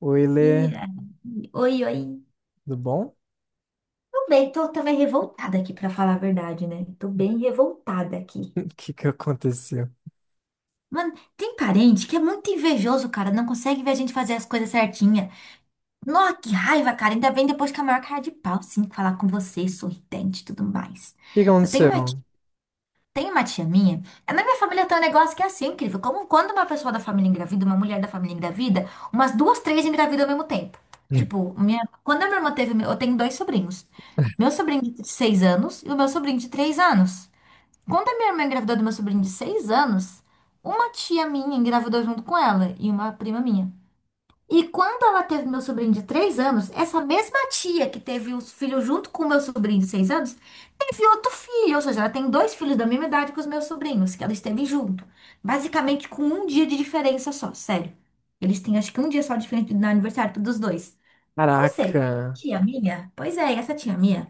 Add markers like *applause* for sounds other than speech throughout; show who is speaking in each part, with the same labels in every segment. Speaker 1: Oi,
Speaker 2: E
Speaker 1: Lê,
Speaker 2: aí, oi, oi.
Speaker 1: tudo bom? *laughs*
Speaker 2: Tô bem, tô também revoltada aqui, pra falar a verdade, né? Tô bem revoltada aqui.
Speaker 1: O que que aconteceu? O
Speaker 2: Mano, tem parente que é muito invejoso, cara. Não consegue ver a gente fazer as coisas certinha. Nossa, que raiva, cara. Ainda bem depois que a maior cara de pau, sim, falar com você, sorridente e tudo mais.
Speaker 1: que que
Speaker 2: Eu tenho uma
Speaker 1: aconteceu?
Speaker 2: Tem uma tia minha, é, na minha família tem um negócio que é assim, incrível. Como quando uma pessoa da família engravida, uma mulher da família engravida, umas duas, três engravidam ao mesmo tempo. Tipo, quando a minha irmã teve, eu tenho dois sobrinhos. Meu sobrinho de 6 anos e o meu sobrinho de 3 anos. Quando a minha irmã engravidou do meu sobrinho de 6 anos, uma tia minha engravidou junto com ela e uma prima minha. E quando ela teve meu sobrinho de 3 anos, essa mesma tia que teve os filhos junto com o meu sobrinho de 6 anos, teve outro filho. Ou seja, ela tem dois filhos da mesma idade que os meus sobrinhos, que ela esteve junto. Basicamente com um dia de diferença só, sério. Eles têm acho que um dia só de diferença no aniversário dos dois. Ou seja,
Speaker 1: Caraca,
Speaker 2: tia minha, pois é, essa tia minha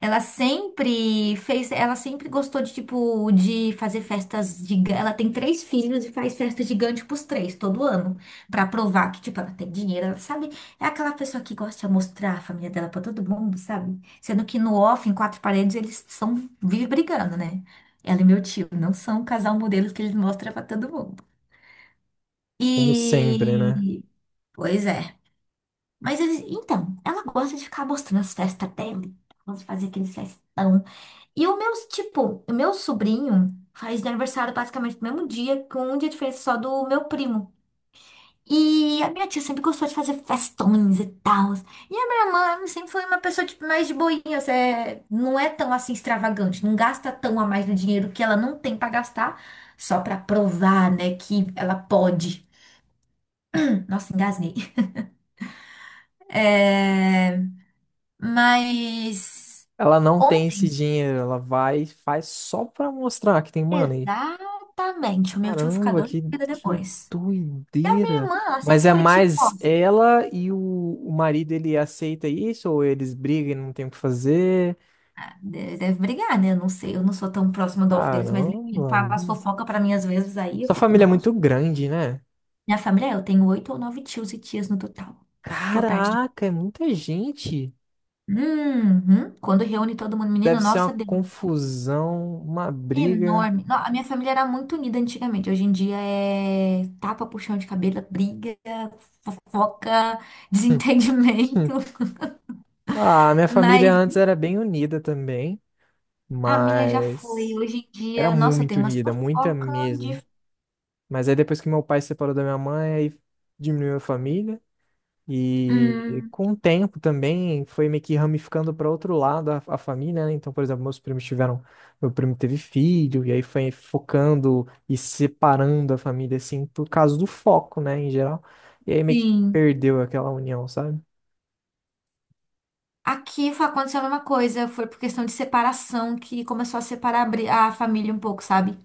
Speaker 2: ela sempre gostou de tipo de fazer festas gigantes. Ela tem três filhos e faz festa gigante pros três todo ano. Pra provar que tipo ela tem dinheiro, ela sabe? É aquela pessoa que gosta de mostrar a família dela pra todo mundo, sabe? Sendo que no off, em quatro paredes, eles são vive brigando, né? Ela e meu tio não são o casal modelo que eles mostram pra todo mundo.
Speaker 1: como sempre, né?
Speaker 2: E, pois é. Mas eles, então, ela gosta de ficar mostrando as festas dela, ela gosta de fazer aqueles festão. E o meu, tipo, o meu sobrinho faz aniversário basicamente no mesmo dia, com um dia de diferença só do meu primo. E a minha tia sempre gostou de fazer festões e tal. E a minha irmã sempre foi uma pessoa tipo, mais de boinhas, é, não é tão assim extravagante, não gasta tão a mais do dinheiro que ela não tem pra gastar, só pra provar, né, que ela pode. *clears throat* Nossa, engasguei. É, mas
Speaker 1: Ela não tem esse
Speaker 2: ontem,
Speaker 1: dinheiro, ela vai e faz só pra mostrar que tem money.
Speaker 2: exatamente, o meu tio ficou
Speaker 1: Caramba,
Speaker 2: doido
Speaker 1: que
Speaker 2: depois. E a minha
Speaker 1: doideira.
Speaker 2: irmã, ela
Speaker 1: Mas
Speaker 2: sempre
Speaker 1: é
Speaker 2: foi tipo, ó,
Speaker 1: mais ela e o marido, ele aceita isso? Ou eles brigam e não tem o que fazer?
Speaker 2: deve brigar, né? Eu não sei, eu não sou tão próxima do off deles, mas ele
Speaker 1: Caramba,
Speaker 2: fala as fofocas pra mim às vezes, aí eu
Speaker 1: sua
Speaker 2: fico,
Speaker 1: família é
Speaker 2: nossa.
Speaker 1: muito grande, né?
Speaker 2: Minha família, eu tenho oito ou nove tios e tias no total, por parte de...
Speaker 1: Caraca, é muita gente.
Speaker 2: Uhum. Quando reúne todo mundo,
Speaker 1: Deve
Speaker 2: menino,
Speaker 1: ser uma
Speaker 2: nossa, Deus,
Speaker 1: confusão, uma briga.
Speaker 2: enorme. A minha família era muito unida antigamente, hoje em dia é tapa, puxão de cabelo, briga, fofoca, *laughs*
Speaker 1: *laughs* Hum.
Speaker 2: desentendimento,
Speaker 1: Ah, minha
Speaker 2: mas
Speaker 1: família antes era bem unida também,
Speaker 2: a minha já foi.
Speaker 1: mas
Speaker 2: Hoje em
Speaker 1: era
Speaker 2: dia, nossa, eu
Speaker 1: muito
Speaker 2: tenho uma
Speaker 1: unida, muita
Speaker 2: fofoca
Speaker 1: mesmo.
Speaker 2: de...
Speaker 1: Mas aí depois que meu pai se separou da minha mãe, aí diminuiu a família. E
Speaker 2: Hum,
Speaker 1: com o tempo também foi meio que ramificando para outro lado a família, né? Então, por exemplo, meu primo teve filho, e aí foi focando e separando a família, assim, por causa do foco, né, em geral. E aí meio que
Speaker 2: sim.
Speaker 1: perdeu aquela união, sabe?
Speaker 2: Aqui foi aconteceu a mesma coisa, foi por questão de separação que começou a separar a família um pouco, sabe?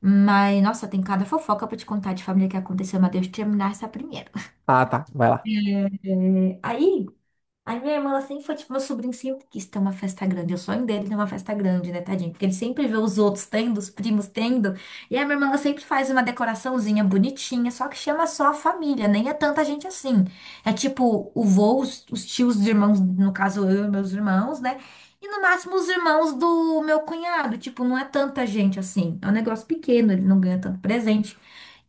Speaker 2: Mas, nossa, tem cada fofoca pra te contar de família que aconteceu, mas deixa eu terminar essa primeira.
Speaker 1: Ah, tá, vai lá.
Speaker 2: É, aí. Aí minha irmã, ela sempre foi tipo, meu sobrinho sempre quis ter uma festa grande. O sonho dele é ter uma festa grande, né, tadinho? Porque ele sempre vê os outros tendo, os primos tendo. E a minha irmã, ela sempre faz uma decoraçãozinha bonitinha, só que chama só a família, nem é tanta gente assim. É tipo o vô, os tios, os irmãos, no caso eu e meus irmãos, né? E no máximo os irmãos do meu cunhado. Tipo, não é tanta gente assim. É um negócio pequeno, ele não ganha tanto presente.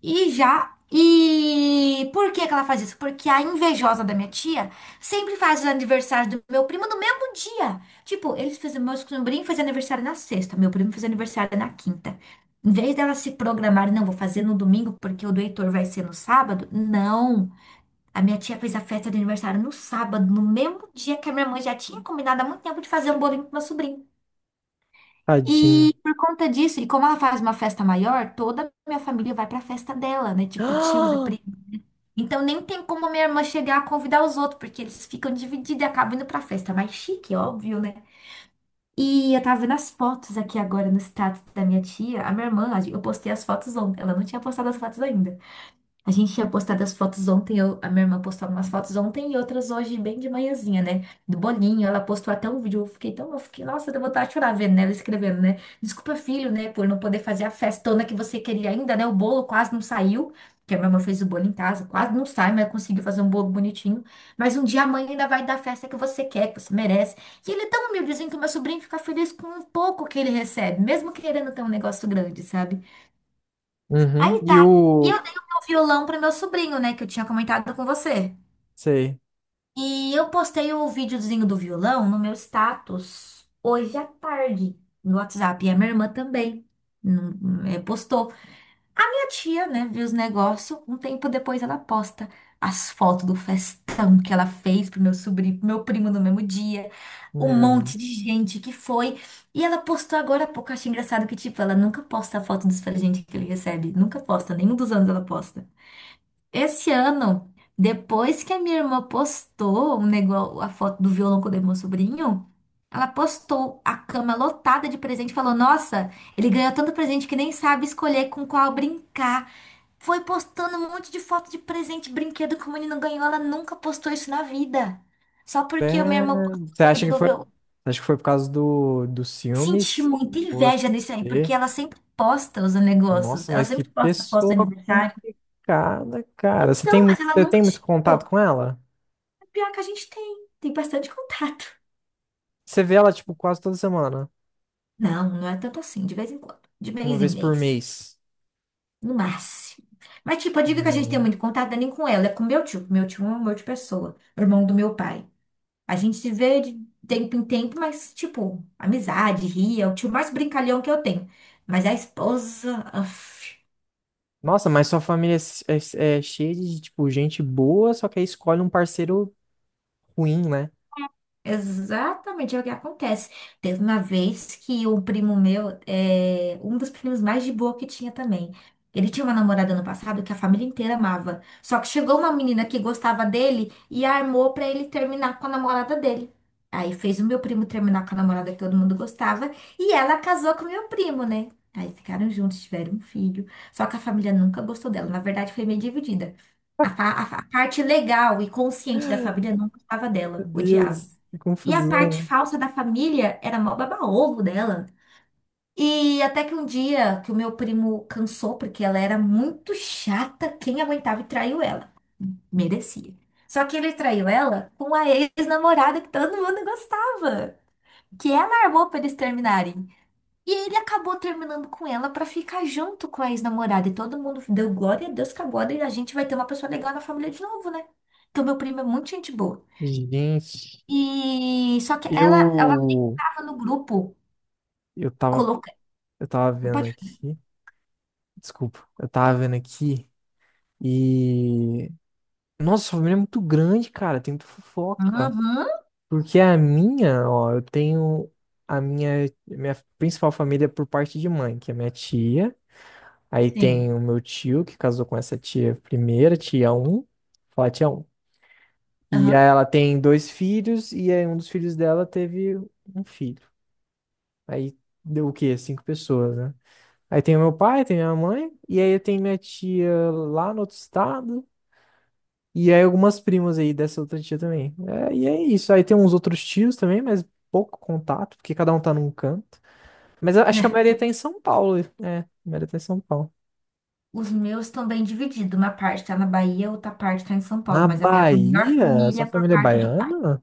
Speaker 2: E já. E por que que ela faz isso? Porque a invejosa da minha tia sempre faz os aniversários do meu primo no mesmo dia. Tipo, eles fizeram, meu sobrinho fez aniversário na sexta, meu primo fez aniversário na quinta. Em vez dela se programar, não, vou fazer no domingo porque o do Heitor vai ser no sábado. Não. A minha tia fez a festa de aniversário no sábado, no mesmo dia que a minha mãe já tinha combinado há muito tempo de fazer um bolinho pro meu sobrinho.
Speaker 1: Tadinho.
Speaker 2: E por conta disso, e como ela faz uma festa maior, toda a minha família vai pra festa dela, né? Tipo, tios e
Speaker 1: *gasps*
Speaker 2: primos. Então nem tem como minha irmã chegar a convidar os outros, porque eles ficam divididos e acabam indo pra festa mais chique, óbvio, né? E eu tava vendo as fotos aqui agora no status da minha tia. A minha irmã, eu postei as fotos ontem. Ela não tinha postado as fotos ainda. A gente tinha postado as fotos ontem, a minha irmã postou algumas fotos ontem e outras hoje, bem de manhãzinha, né? Do bolinho, ela postou até um vídeo, eu fiquei, nossa, deu vontade de chorar vendo, né? Ela escrevendo, né? Desculpa, filho, né, por não poder fazer a festona que você queria ainda, né? O bolo quase não saiu, que a minha irmã fez o bolo em casa, quase não sai, mas conseguiu fazer um bolo bonitinho. Mas um dia a mãe ainda vai dar a festa que você quer, que você merece. E ele é tão humildezinho que o meu sobrinho fica feliz com um pouco que ele recebe, mesmo querendo ter um negócio grande, sabe?
Speaker 1: Uhum.
Speaker 2: Aí
Speaker 1: E
Speaker 2: tá. E
Speaker 1: o.
Speaker 2: eu dei o meu violão pro meu sobrinho, né? Que eu tinha comentado com você.
Speaker 1: Sei.
Speaker 2: E eu postei o videozinho do violão no meu status hoje à tarde no WhatsApp. E a minha irmã também é, postou. Minha tia, né, viu os negócios. Um tempo depois ela posta as fotos do festão que ela fez pro meu sobrinho, pro meu primo no mesmo dia. Um
Speaker 1: Meu
Speaker 2: monte
Speaker 1: Deus.
Speaker 2: de gente que foi. E ela postou agora há pouco. Eu achei engraçado que, tipo, ela nunca posta a foto dos presentes que ele recebe. Nunca posta. Nenhum dos anos ela posta. Esse ano, depois que a minha irmã postou um negócio, a foto do violão que eu dei pro meu sobrinho, ela postou a cama lotada de presente e falou: nossa, ele ganhou tanto presente que nem sabe escolher com qual brincar. Foi postando um monte de foto de presente, brinquedo que o menino ganhou. Ela nunca postou isso na vida. Só porque a minha
Speaker 1: É,
Speaker 2: irmã postou
Speaker 1: você
Speaker 2: o
Speaker 1: acha
Speaker 2: vídeo
Speaker 1: que
Speaker 2: do
Speaker 1: foi?
Speaker 2: violão.
Speaker 1: Acho que foi por causa dos
Speaker 2: Senti
Speaker 1: ciúmes?
Speaker 2: muita
Speaker 1: Você.
Speaker 2: inveja nisso aí, porque ela sempre posta os negócios.
Speaker 1: Nossa,
Speaker 2: Ela
Speaker 1: mas que
Speaker 2: sempre posta as fotos de
Speaker 1: pessoa
Speaker 2: aniversário.
Speaker 1: complicada, cara.
Speaker 2: Então, mas ela
Speaker 1: Você tem
Speaker 2: nunca
Speaker 1: muito contato
Speaker 2: chegou.
Speaker 1: com ela?
Speaker 2: Pior que a gente tem. Tem bastante contato.
Speaker 1: Você vê ela, tipo, quase toda semana,
Speaker 2: Não, não é tanto assim, de vez em quando. De
Speaker 1: uma
Speaker 2: mês em
Speaker 1: vez por
Speaker 2: mês.
Speaker 1: mês.
Speaker 2: No máximo. Mas, tipo, a dica que a gente tem
Speaker 1: Hum.
Speaker 2: muito contato não é nem com ela, é com meu tio. Meu tio é um amor de pessoa, irmão do meu pai. A gente se vê de tempo em tempo, mas, tipo, amizade, ria. É o tio mais brincalhão que eu tenho. Mas a esposa. Uf.
Speaker 1: Nossa, mas sua família é cheia de, tipo, gente boa, só que aí escolhe um parceiro ruim, né?
Speaker 2: Exatamente, é o que acontece. Teve uma vez que um primo meu, é, um dos primos mais de boa que tinha também. Ele tinha uma namorada no passado que a família inteira amava. Só que chegou uma menina que gostava dele e armou pra ele terminar com a namorada dele. Aí fez o meu primo terminar com a namorada que todo mundo gostava e ela casou com o meu primo, né? Aí ficaram juntos, tiveram um filho. Só que a família nunca gostou dela. Na verdade, foi meio dividida. A parte legal e consciente da família não gostava
Speaker 1: Meu
Speaker 2: dela, odiava.
Speaker 1: Deus, que
Speaker 2: E a parte
Speaker 1: confusão.
Speaker 2: falsa da família era mó baba-ovo dela. E até que um dia que o meu primo cansou, porque ela era muito chata, quem aguentava e traiu ela. Merecia. Só que ele traiu ela com a ex-namorada que todo mundo gostava. Que ela armou pra eles terminarem. E ele acabou terminando com ela pra ficar junto com a ex-namorada. E todo mundo deu glória a Deus que agora a gente vai ter uma pessoa legal na família de novo, né? Porque o meu primo é muito gente boa.
Speaker 1: Gente,
Speaker 2: E só que ela
Speaker 1: eu
Speaker 2: tava no grupo.
Speaker 1: eu tava
Speaker 2: Colocar.
Speaker 1: eu tava vendo
Speaker 2: Pode...
Speaker 1: aqui, desculpa, eu tava vendo aqui e nossa, sua família é muito grande, cara, tem muita fofoca.
Speaker 2: Aham,
Speaker 1: Porque ó, eu tenho minha principal família é por parte de mãe, que é minha tia. Aí
Speaker 2: sim.
Speaker 1: tem o meu tio, que casou com essa tia primeira, tia um. Fala, tia um. E
Speaker 2: Aham.
Speaker 1: aí ela tem dois filhos, e aí um dos filhos dela teve um filho. Aí deu o quê? Cinco pessoas, né? Aí tem o meu pai, tem minha mãe, e aí tem minha tia lá no outro estado. E aí algumas primas aí dessa outra tia também. É, e é isso. Aí tem uns outros tios também, mas pouco contato, porque cada um tá num canto. Mas eu acho que a
Speaker 2: É.
Speaker 1: maioria tá em São Paulo. É, a maioria tá em São Paulo.
Speaker 2: Os meus estão bem divididos. Uma parte tá na Bahia, outra parte tá em São
Speaker 1: Na
Speaker 2: Paulo. Mas a minha maior
Speaker 1: Bahia?
Speaker 2: família
Speaker 1: Sua
Speaker 2: é por
Speaker 1: família é
Speaker 2: parte de pai.
Speaker 1: baiana?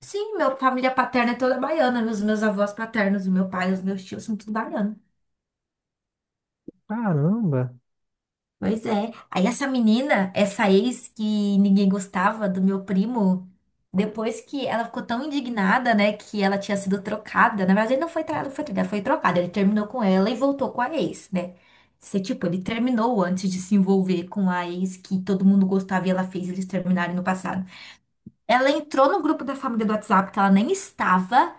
Speaker 2: Sim, minha família paterna é toda baiana. Os meus avós paternos, o meu pai, os meus tios são tudo baianos.
Speaker 1: Caramba.
Speaker 2: Pois é. Aí essa menina, essa ex que ninguém gostava do meu primo, depois que ela ficou tão indignada, né, que ela tinha sido trocada. Na verdade, ele não foi foi trocada, foi trocada. Ele terminou com ela e voltou com a ex, né? Se, tipo, ele terminou antes de se envolver com a ex que todo mundo gostava e ela fez eles terminarem no passado. Ela entrou no grupo da família do WhatsApp que ela nem estava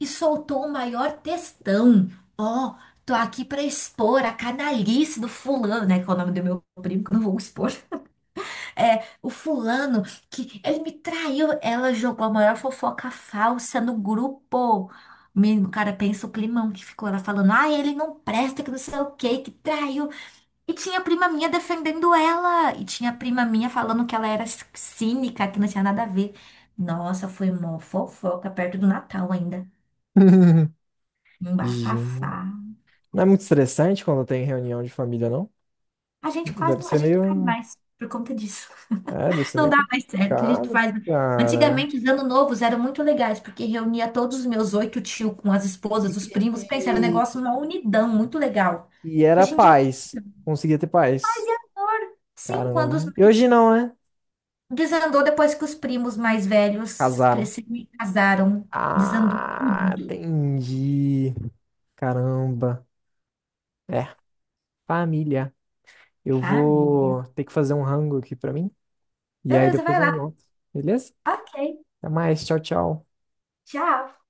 Speaker 2: e soltou o maior textão. Ó, tô aqui pra expor a canalice do fulano, né? Que é o nome do meu primo, que eu não vou expor. *laughs* É, o fulano que ele me traiu. Ela jogou a maior fofoca falsa no grupo. Menino, o cara, pensa o climão que ficou. Ela falando, ah, ele não presta, que não sei o quê, que traiu. E tinha prima minha defendendo ela. E tinha prima minha falando que ela era cínica, que não tinha nada a ver. Nossa, foi uma fofoca perto do Natal ainda.
Speaker 1: *laughs*
Speaker 2: Um
Speaker 1: Gente.
Speaker 2: bafafá.
Speaker 1: Não é muito estressante quando tem reunião de família, não? Deve
Speaker 2: A
Speaker 1: ser
Speaker 2: gente não faz
Speaker 1: meio.
Speaker 2: mais por conta disso.
Speaker 1: É, deve
Speaker 2: *laughs*
Speaker 1: ser
Speaker 2: Não
Speaker 1: meio
Speaker 2: dá mais certo, a gente não
Speaker 1: complicado,
Speaker 2: faz. mais.
Speaker 1: cara.
Speaker 2: Antigamente, os anos novos eram muito legais, porque reunia todos os meus oito tios com as
Speaker 1: E,
Speaker 2: esposas, os primos. Pensa, era um
Speaker 1: e,
Speaker 2: negócio, uma unidão muito legal.
Speaker 1: e era
Speaker 2: Hoje em dia,
Speaker 1: paz.
Speaker 2: não.
Speaker 1: Conseguia ter paz.
Speaker 2: Fazia amor, sim, quando os
Speaker 1: Caramba. E hoje
Speaker 2: mais.
Speaker 1: não, né?
Speaker 2: Desandou depois que os primos mais velhos
Speaker 1: Casaram.
Speaker 2: cresceram e casaram. Desandou
Speaker 1: Ah,
Speaker 2: tudo.
Speaker 1: entendi. Caramba. É, família. Eu
Speaker 2: Família.
Speaker 1: vou ter que fazer um rango aqui pra mim. E aí
Speaker 2: Beleza,
Speaker 1: depois
Speaker 2: vai
Speaker 1: eu
Speaker 2: lá.
Speaker 1: volto. Beleza?
Speaker 2: Ok,
Speaker 1: Até mais. Tchau, tchau.
Speaker 2: tchau.